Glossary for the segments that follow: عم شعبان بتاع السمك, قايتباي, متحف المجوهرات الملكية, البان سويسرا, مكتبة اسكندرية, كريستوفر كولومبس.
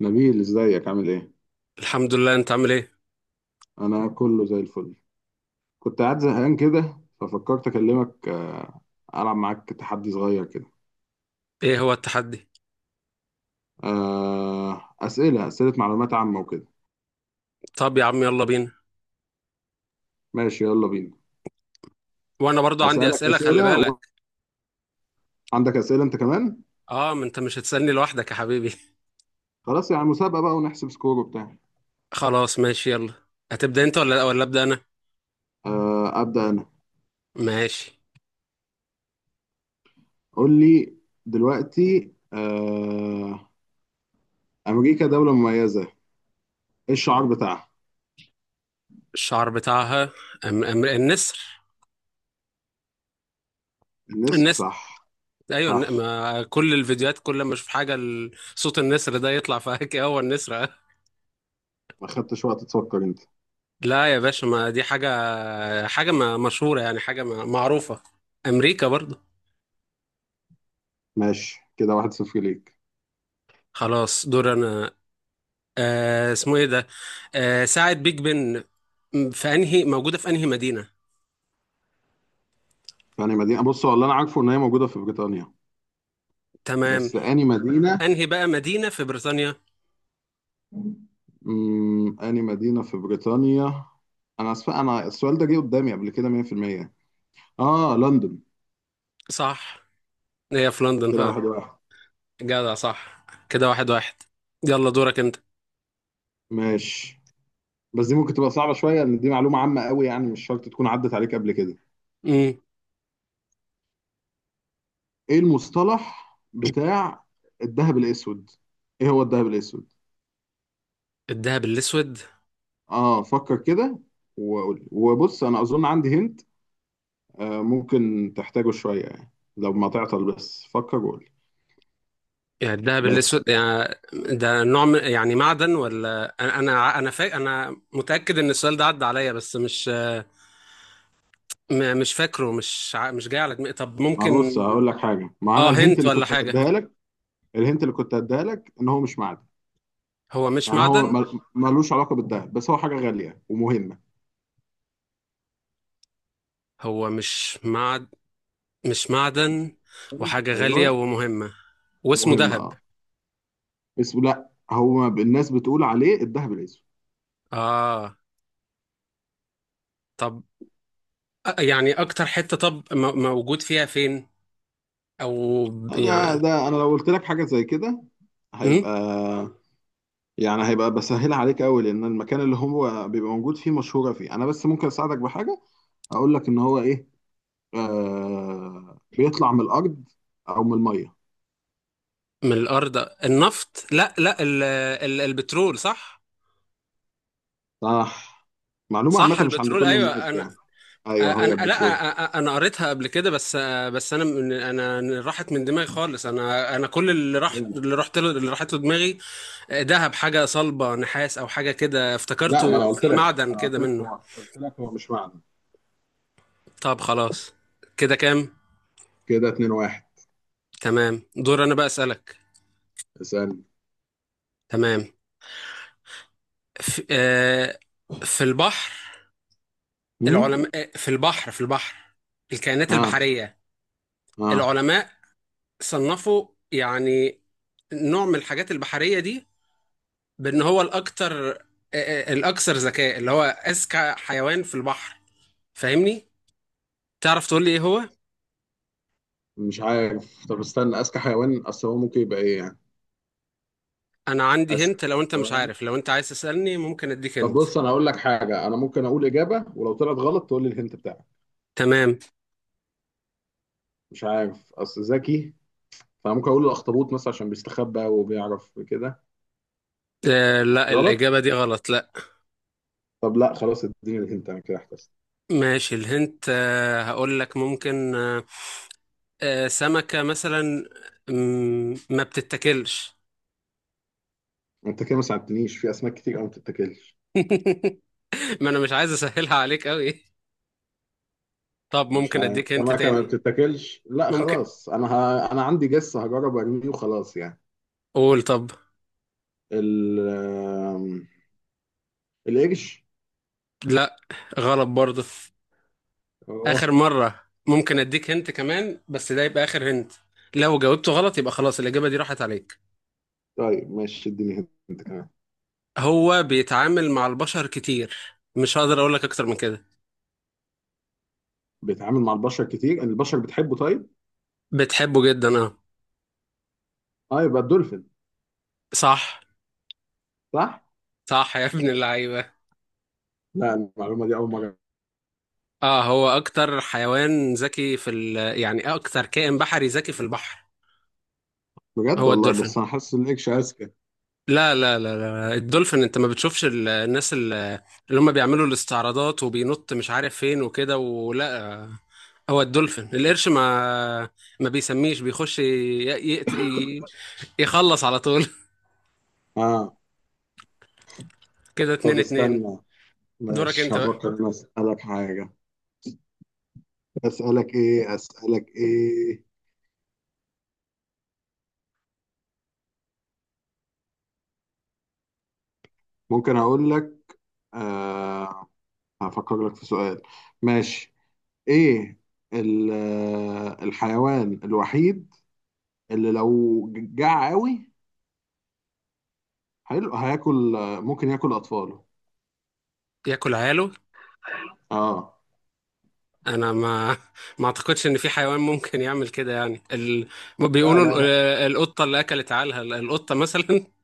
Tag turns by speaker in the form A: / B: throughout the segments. A: نبيل، ازيك؟ عامل ايه؟
B: الحمد لله. انت عامل ايه؟
A: انا كله زي الفل. كنت قاعد زهقان كده ففكرت اكلمك، العب معاك تحدي صغير كده.
B: ايه هو التحدي؟
A: اسئله اسئله معلومات عامه وكده.
B: طب يا عم يلا بينا.
A: ماشي يلا بينا.
B: وانا برضو عندي
A: اسالك
B: اسئله، خلي
A: اسئله و...
B: بالك.
A: عندك اسئله انت كمان.
B: اه، ما انت مش هتسالني لوحدك يا حبيبي.
A: خلاص يعني مسابقه بقى، ونحسب سكور وبتاع.
B: خلاص ماشي يلا. هتبدا انت ولا ابدا انا؟
A: ابدا انا.
B: ماشي.
A: قول لي. دلوقتي، امريكا دوله مميزه. ايه الشعار بتاعها؟
B: الشعر بتاعها. أم أم النسر.
A: النسر،
B: النسر.
A: صح.
B: ايوه
A: صح.
B: ما كل الفيديوهات، كل ما اشوف حاجه صوت النسر ده يطلع في هكي. هو النسر اه.
A: ما خدتش وقت تفكر انت.
B: لا يا باشا، ما دي حاجه، حاجه ما مشهوره، يعني حاجه ما معروفه. امريكا برضو.
A: ماشي، كده 1-0 ليك.
B: خلاص دور انا. اسمه ايه ده؟ آه، ساعة بيج بن. في انهي موجودة، في انهي مدينة؟
A: فأني مدينة؟ بص، هو اللي أنا عارفه إن هي موجودة في بريطانيا.
B: تمام.
A: بس أني مدينة؟
B: انهي بقى مدينة في بريطانيا؟
A: أني مدينة في بريطانيا؟ أنا أسف. أنا السؤال ده جه قدامي قبل كده 100%. لندن.
B: صح. هي في لندن
A: كده
B: فا.
A: 1-1.
B: جدع، صح. كده واحد واحد. يلا دورك انت.
A: ماشي، بس دي ممكن تبقى صعبة شوية لأن دي معلومة عامة قوي، يعني مش شرط تكون عدت عليك قبل كده.
B: امم
A: إيه المصطلح بتاع الذهب الأسود؟ إيه هو الذهب الأسود؟
B: الدهب الاسود
A: فكر كده وقول، وبص أنا أظن عندي هنت. ممكن تحتاجه شوية يعني. لو ما تعطل بس فكر وقول.
B: يعني؟ الدهب
A: بس،
B: الاسود يعني يعني معدن؟ ولا انا انا متأكد ان السؤال ده عدى عليا بس مش، مش فاكره، مش جاي على دماغي. طب
A: ما
B: ممكن
A: بص هقول لك حاجة، ما أنا
B: اه
A: الهنت
B: هنت
A: اللي
B: ولا
A: كنت
B: حاجة؟
A: أديها لك. الهنت اللي كنت أديها لك إن هو مش معدن.
B: هو مش
A: يعني هو
B: معدن؟
A: ملوش علاقة بالدهب، بس هو حاجة غالية ومهمة.
B: هو مش معدن. مش معدن. وحاجة غالية
A: أيوه.
B: ومهمة. واسمه
A: مهمة،
B: ذهب؟
A: أه. اسمه، لأ هو الناس بتقول عليه الدهب الأسود.
B: آه، طب، يعني أكتر حتة، طب موجود فيها فين، أو
A: ده
B: يعني.
A: ده أنا لو قلت لك حاجة زي كده
B: مم؟
A: هيبقى. يعني هيبقى بسهلها عليك قوي، لأن المكان اللي هو بيبقى موجود فيه مشهورة فيه. أنا بس ممكن أساعدك بحاجة. أقول لك إن هو إيه. بيطلع من الارض او من الميه.
B: من الأرض. النفط، لا لا، ال البترول، صح؟
A: صح. معلومه عامه
B: صح
A: مش عند
B: البترول،
A: كل
B: أيوة
A: الناس
B: أنا،
A: يعني. ايوه، هي
B: أنا لا
A: البترول.
B: أ- أ- أنا قريتها قبل كده بس. بس أنا، من أنا راحت من دماغي خالص. أنا كل اللي
A: أيوة،
B: راح، اللي
A: هي.
B: رحت له، اللي راحت له دماغي، ذهب حاجة صلبة، نحاس أو حاجة كده،
A: لا، ما
B: افتكرته
A: انا قلت
B: في
A: لك
B: معدن
A: انا قلت
B: كده
A: لك
B: منه.
A: هو مش معدن.
B: طب خلاص، كده كام؟
A: كده 2-1.
B: تمام دور انا بقى اسالك.
A: اسالني.
B: تمام. في, آه في البحر،
A: امم.
B: العلماء، في البحر، الكائنات
A: اه،
B: البحريه،
A: اه،
B: العلماء صنفوا يعني نوع من الحاجات البحريه دي بان هو الاكثر، الاكثر ذكاء، اللي هو اذكى حيوان في البحر، فاهمني؟ تعرف تقول لي ايه هو؟
A: مش عارف. طب استنى، اذكى حيوان، اصل هو ممكن يبقى ايه يعني؟
B: انا عندي
A: اذكى
B: هنت، لو انت مش
A: حيوان.
B: عارف، لو انت عايز تسالني ممكن اديك
A: طب
B: هنت.
A: بص، انا هقول لك حاجه، انا ممكن اقول اجابه ولو طلعت غلط تقول لي الهنت بتاعك.
B: تمام.
A: مش عارف اصل ذكي. فممكن اقول الاخطبوط مثلا عشان بيستخبى وبيعرف كده.
B: آه لا،
A: غلط.
B: الاجابه دي غلط، لا.
A: طب لا، خلاص اديني الهنت، انا كده احتسب.
B: ماشي، الهنت، هقول لك، ممكن سمكة مثلا، ما بتتاكلش.
A: انت كده ما ساعدتنيش في اسماك كتير قوي ما بتتاكلش.
B: ما انا مش عايز اسهلها عليك قوي. طب
A: مش
B: ممكن
A: ه...
B: اديك هنت
A: الاماكن ما
B: تاني؟
A: بتتاكلش، لا
B: ممكن،
A: خلاص انا عندي جس هجرب ارميه وخلاص يعني.
B: قول طب.
A: ال آم، القرش.
B: لا، غلط برضه. اخر
A: اه.
B: مرة ممكن اديك هنت كمان، بس ده يبقى اخر هنت. لو جاوبته غلط يبقى خلاص الاجابة دي راحت عليك.
A: طيب ماشي، اديني هنت كمان.
B: هو بيتعامل مع البشر كتير. مش هقدر اقول لك اكتر من كده.
A: بيتعامل مع البشر كتير، البشر بتحبه، طيب.
B: بتحبه جدا اه.
A: اه، يبقى الدولفين.
B: صح.
A: صح.
B: صح يا ابن اللعيبة.
A: لا، المعلومه دي اول مره.
B: اه هو اكتر حيوان ذكي في يعني اكتر كائن بحري ذكي في البحر.
A: بجد
B: هو
A: والله،
B: الدولفين.
A: بس انا حاسس ان القرش اذكى.
B: لا لا لا لا، الدولفين، انت ما بتشوفش الناس اللي هم بيعملوا الاستعراضات وبينط مش عارف فين وكده؟ ولا هو الدولفين. القرش ما ما بيسميش بيخش ي... ي... يخلص على طول.
A: اه.
B: كده اتنين
A: طب
B: اتنين.
A: استنى.
B: دورك
A: ماشي،
B: انت بقى.
A: هفكر إني اسالك حاجه. اسالك ايه، اسالك ايه؟ ممكن اقول لك. آه هفكر لك في سؤال. ماشي. ايه الحيوان الوحيد اللي لو جاع قوي، حلو هياكل، ممكن ياكل اطفاله؟
B: ياكل عياله؟
A: اه.
B: انا ما ما اعتقدش ان في حيوان ممكن يعمل كده، يعني
A: لا،
B: بيقولوا
A: لا، لا،
B: القطه اللي اكلت عالها، القطه مثلا.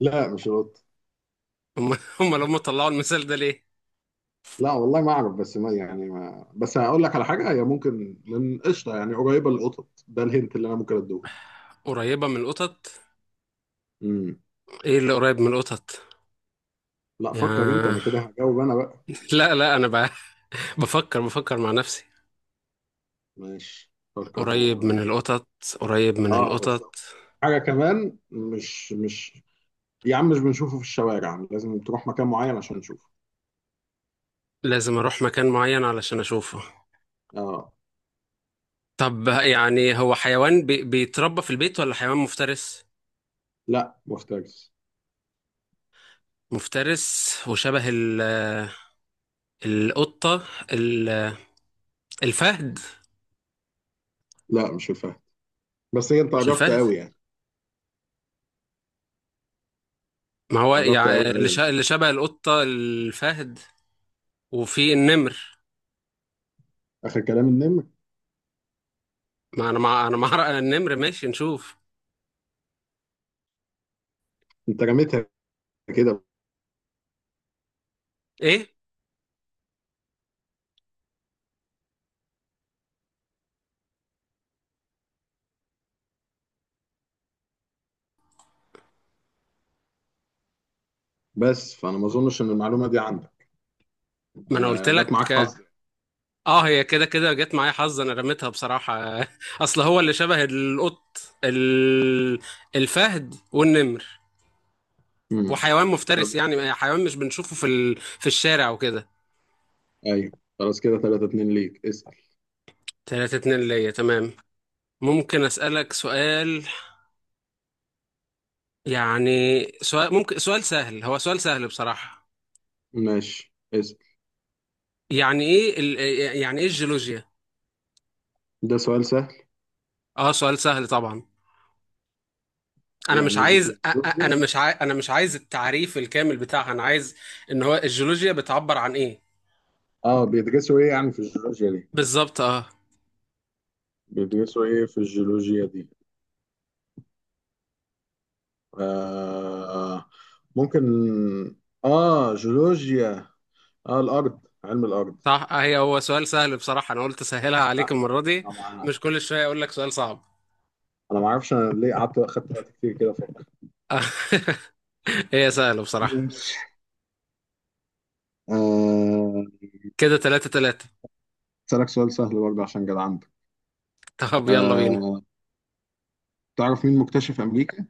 A: لا، مش القط.
B: هم هم لما طلعوا المثال ده ليه.
A: لا والله، ما اعرف بس ما يعني ما بس هقول لك على حاجه، هي ممكن من قشطه يعني قريبه للقطط، ده الهنت اللي انا ممكن اديهولك.
B: قريبه من القطط.
A: امم.
B: ايه اللي قريب من القطط؟
A: لا، فكر انت،
B: يا،
A: انا كده هجاوب انا بقى.
B: لا لا انا بفكر، مع نفسي.
A: ماشي، فكر
B: قريب من
A: هو.
B: القطط. قريب من
A: اه، بس.
B: القطط.
A: حاجه كمان مش. يا عم، مش بنشوفه في الشوارع، لازم تروح مكان معين عشان نشوفه.
B: لازم اروح مكان معين علشان اشوفه؟
A: اه.
B: طب يعني هو حيوان بيتربى في البيت، ولا حيوان مفترس؟
A: لا، مفترس.
B: مفترس وشبه ال... آه، القطة، ال... الفهد؟
A: لا، مش الفهد، بس هي انت
B: مش
A: قربت
B: الفهد؟
A: قوي يعني.
B: ما هو
A: قربت قوي
B: يعني
A: قوي.
B: اللي شبه القطة الفهد، وفي النمر.
A: اخر كلام، النمر.
B: ما انا مع، النمر، ماشي نشوف.
A: انت رميتها كده.
B: ايه؟
A: بس فانا ما اظنش ان المعلومه دي عندك.
B: ما انا قلت
A: انا جت معاك
B: لك.
A: حظ.
B: اه هي كده كده جت معايا حظ، انا رميتها بصراحة. اصل هو اللي شبه القط، ال... الفهد والنمر،
A: امم.
B: وحيوان
A: طب
B: مفترس، يعني حيوان مش بنشوفه في في الشارع وكده.
A: ايوه، خلاص كده 3-2 ليك، اسال.
B: تلاتة اتنين ليا، تمام. ممكن اسألك سؤال؟ يعني سؤال، ممكن سؤال سهل، هو سؤال سهل بصراحة.
A: ماشي، اسال.
B: يعني ايه يعني ايه الجيولوجيا؟
A: ده سؤال سهل.
B: اه سؤال سهل طبعا. انا مش
A: يعني
B: عايز
A: جيولوجيا.
B: انا مش عايز التعريف الكامل بتاعها، انا عايز ان هو الجيولوجيا بتعبر عن ايه
A: اه، بيدرسوا ايه يعني في الجيولوجيا دي؟
B: بالظبط، اه.
A: بيدرسوا ايه في الجيولوجيا دي؟ آه ممكن. اه، جيولوجيا. اه، الارض، علم الارض.
B: صح، هي هو سؤال سهل بصراحة، انا قلت اسهلها عليك
A: صح.
B: المرة دي.
A: انا ما
B: مش كل شوية اقول لك سؤال صعب.
A: انا ما اعرفش، انا ليه قعدت اخدت وقت كتير كده افكر.
B: آه. هي سهلة بصراحة.
A: ماشي. آه،
B: كده تلاتة تلاتة.
A: اسالك سؤال سهل برضه عشان جدعنت.
B: طب يلا بينا.
A: آه تعرف مين مكتشف امريكا؟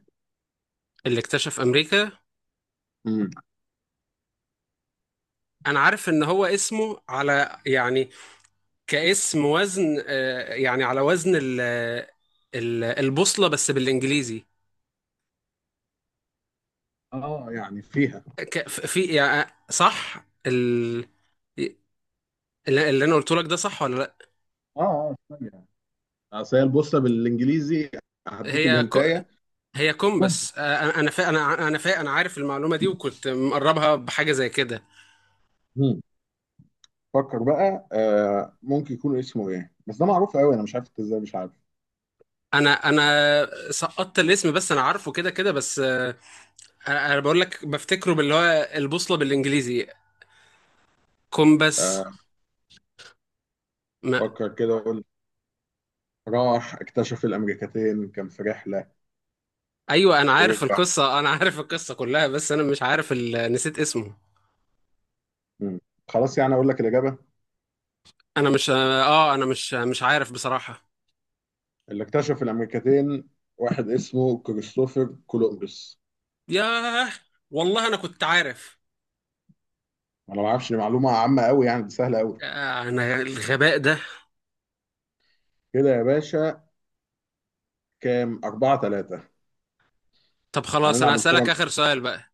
B: اللي اكتشف امريكا،
A: امم.
B: انا عارف ان هو اسمه على، يعني كاسم وزن، يعني على وزن البوصلة بس بالانجليزي،
A: اه، يعني فيها.
B: في، يعني صح اللي انا قلته لك ده، صح ولا لا؟
A: اه، اه، ثانية. اصل هي البوصله بالانجليزي. هديك
B: هي كو،
A: الهنتايه.
B: هي كومبس، انا انا فا انا عارف المعلومة دي وكنت مقربها بحاجة زي كده.
A: مم. فكر بقى، ممكن يكون اسمه ايه؟ بس ده معروف قوي، انا مش عارف انت ازاي مش عارف.
B: انا سقطت الاسم، بس انا عارفه كده كده، بس انا، أنا بقول لك بفتكره باللي هو البوصلة بالانجليزي، كومبس.
A: آه، فكر كده وقول. راح اكتشف الامريكتين كان في رحله.
B: ايوه انا عارف
A: ورجع.
B: القصه، انا عارف القصه كلها، بس انا مش عارف نسيت اسمه.
A: مم. خلاص يعني، اقول لك الاجابه.
B: انا مش اه، انا مش عارف بصراحه.
A: اللي اكتشف الامريكتين واحد اسمه كريستوفر كولومبس.
B: ياه، والله انا كنت عارف.
A: انا ما اعرفش، دي معلومه عامه قوي يعني، دي سهله قوي.
B: آه، انا الغباء ده.
A: كده يا باشا، كام 4-3.
B: طب خلاص انا
A: هنلعب
B: هسألك
A: الفورة.
B: اخر سؤال بقى.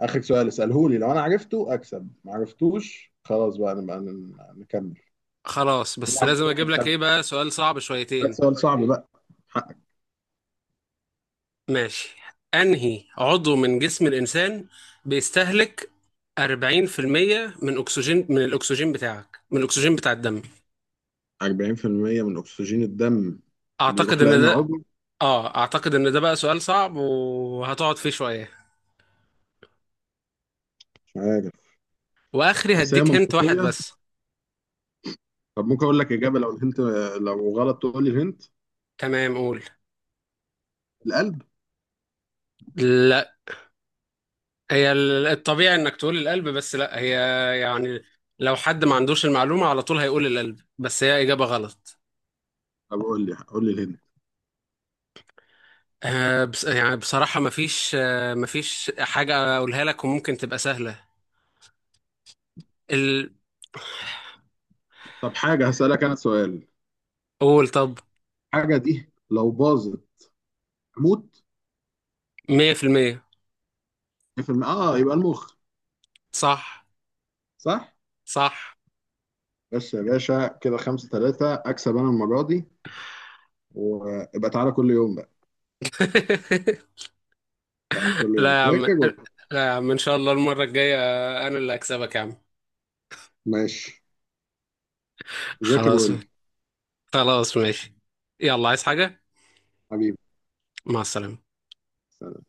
A: آخر سؤال اسأله لي، لو أنا عرفته أكسب، ما عرفتوش خلاص بقى نبقى نكمل.
B: خلاص، بس
A: نلعب
B: لازم
A: الفورة
B: اجيب
A: من
B: لك
A: خمسة.
B: ايه بقى، سؤال صعب
A: ده
B: شويتين.
A: سؤال صعب بقى. حقك.
B: ماشي. انهي عضو من جسم الانسان بيستهلك 40% من اكسجين، من الاكسجين بتاعك، من الاكسجين بتاع الدم؟
A: 40% من أكسجين الدم
B: اعتقد
A: بيروح
B: ان
A: لأنهي
B: ده،
A: عضو؟
B: اه، اعتقد ان ده بقى سؤال صعب وهتقعد فيه شوية.
A: مش عارف،
B: واخري
A: بس هي
B: هديك هنت واحد
A: منطقية.
B: بس.
A: طب ممكن أقول لك إجابة، لو الهنت، لو غلط تقول لي الهنت.
B: تمام، قول.
A: القلب.
B: لا، هي الطبيعي انك تقول القلب، بس لا، هي يعني لو حد ما عندوش المعلومة على طول هيقول القلب، بس هي اجابة غلط.
A: طب قول لي، قول لي الهنت.
B: آه بس يعني بصراحة مفيش، آه مفيش حاجة اقولها لك وممكن تبقى سهلة، ال...
A: طب، حاجة هسألك أنا سؤال.
B: قول طب.
A: حاجة دي لو باظت أموت.
B: مية في المية.
A: في يبقى المخ.
B: صح.
A: صح.
B: صح.
A: بس يا باشا كده 5-3، أكسب أنا المرة دي. وابقى تعالى كل يوم بقى. تعالى كل
B: لا
A: يوم
B: يا عم،
A: ذاكر و...
B: لا يا عم ان شاء الله المرة الجاية انا اللي هكسبك يا عم.
A: ماشي. ذاكر
B: خلاص.
A: وقول لي.
B: خلاص ماشي. يلا عايز حاجة؟
A: حبيبي.
B: مع السلامة.
A: سلام.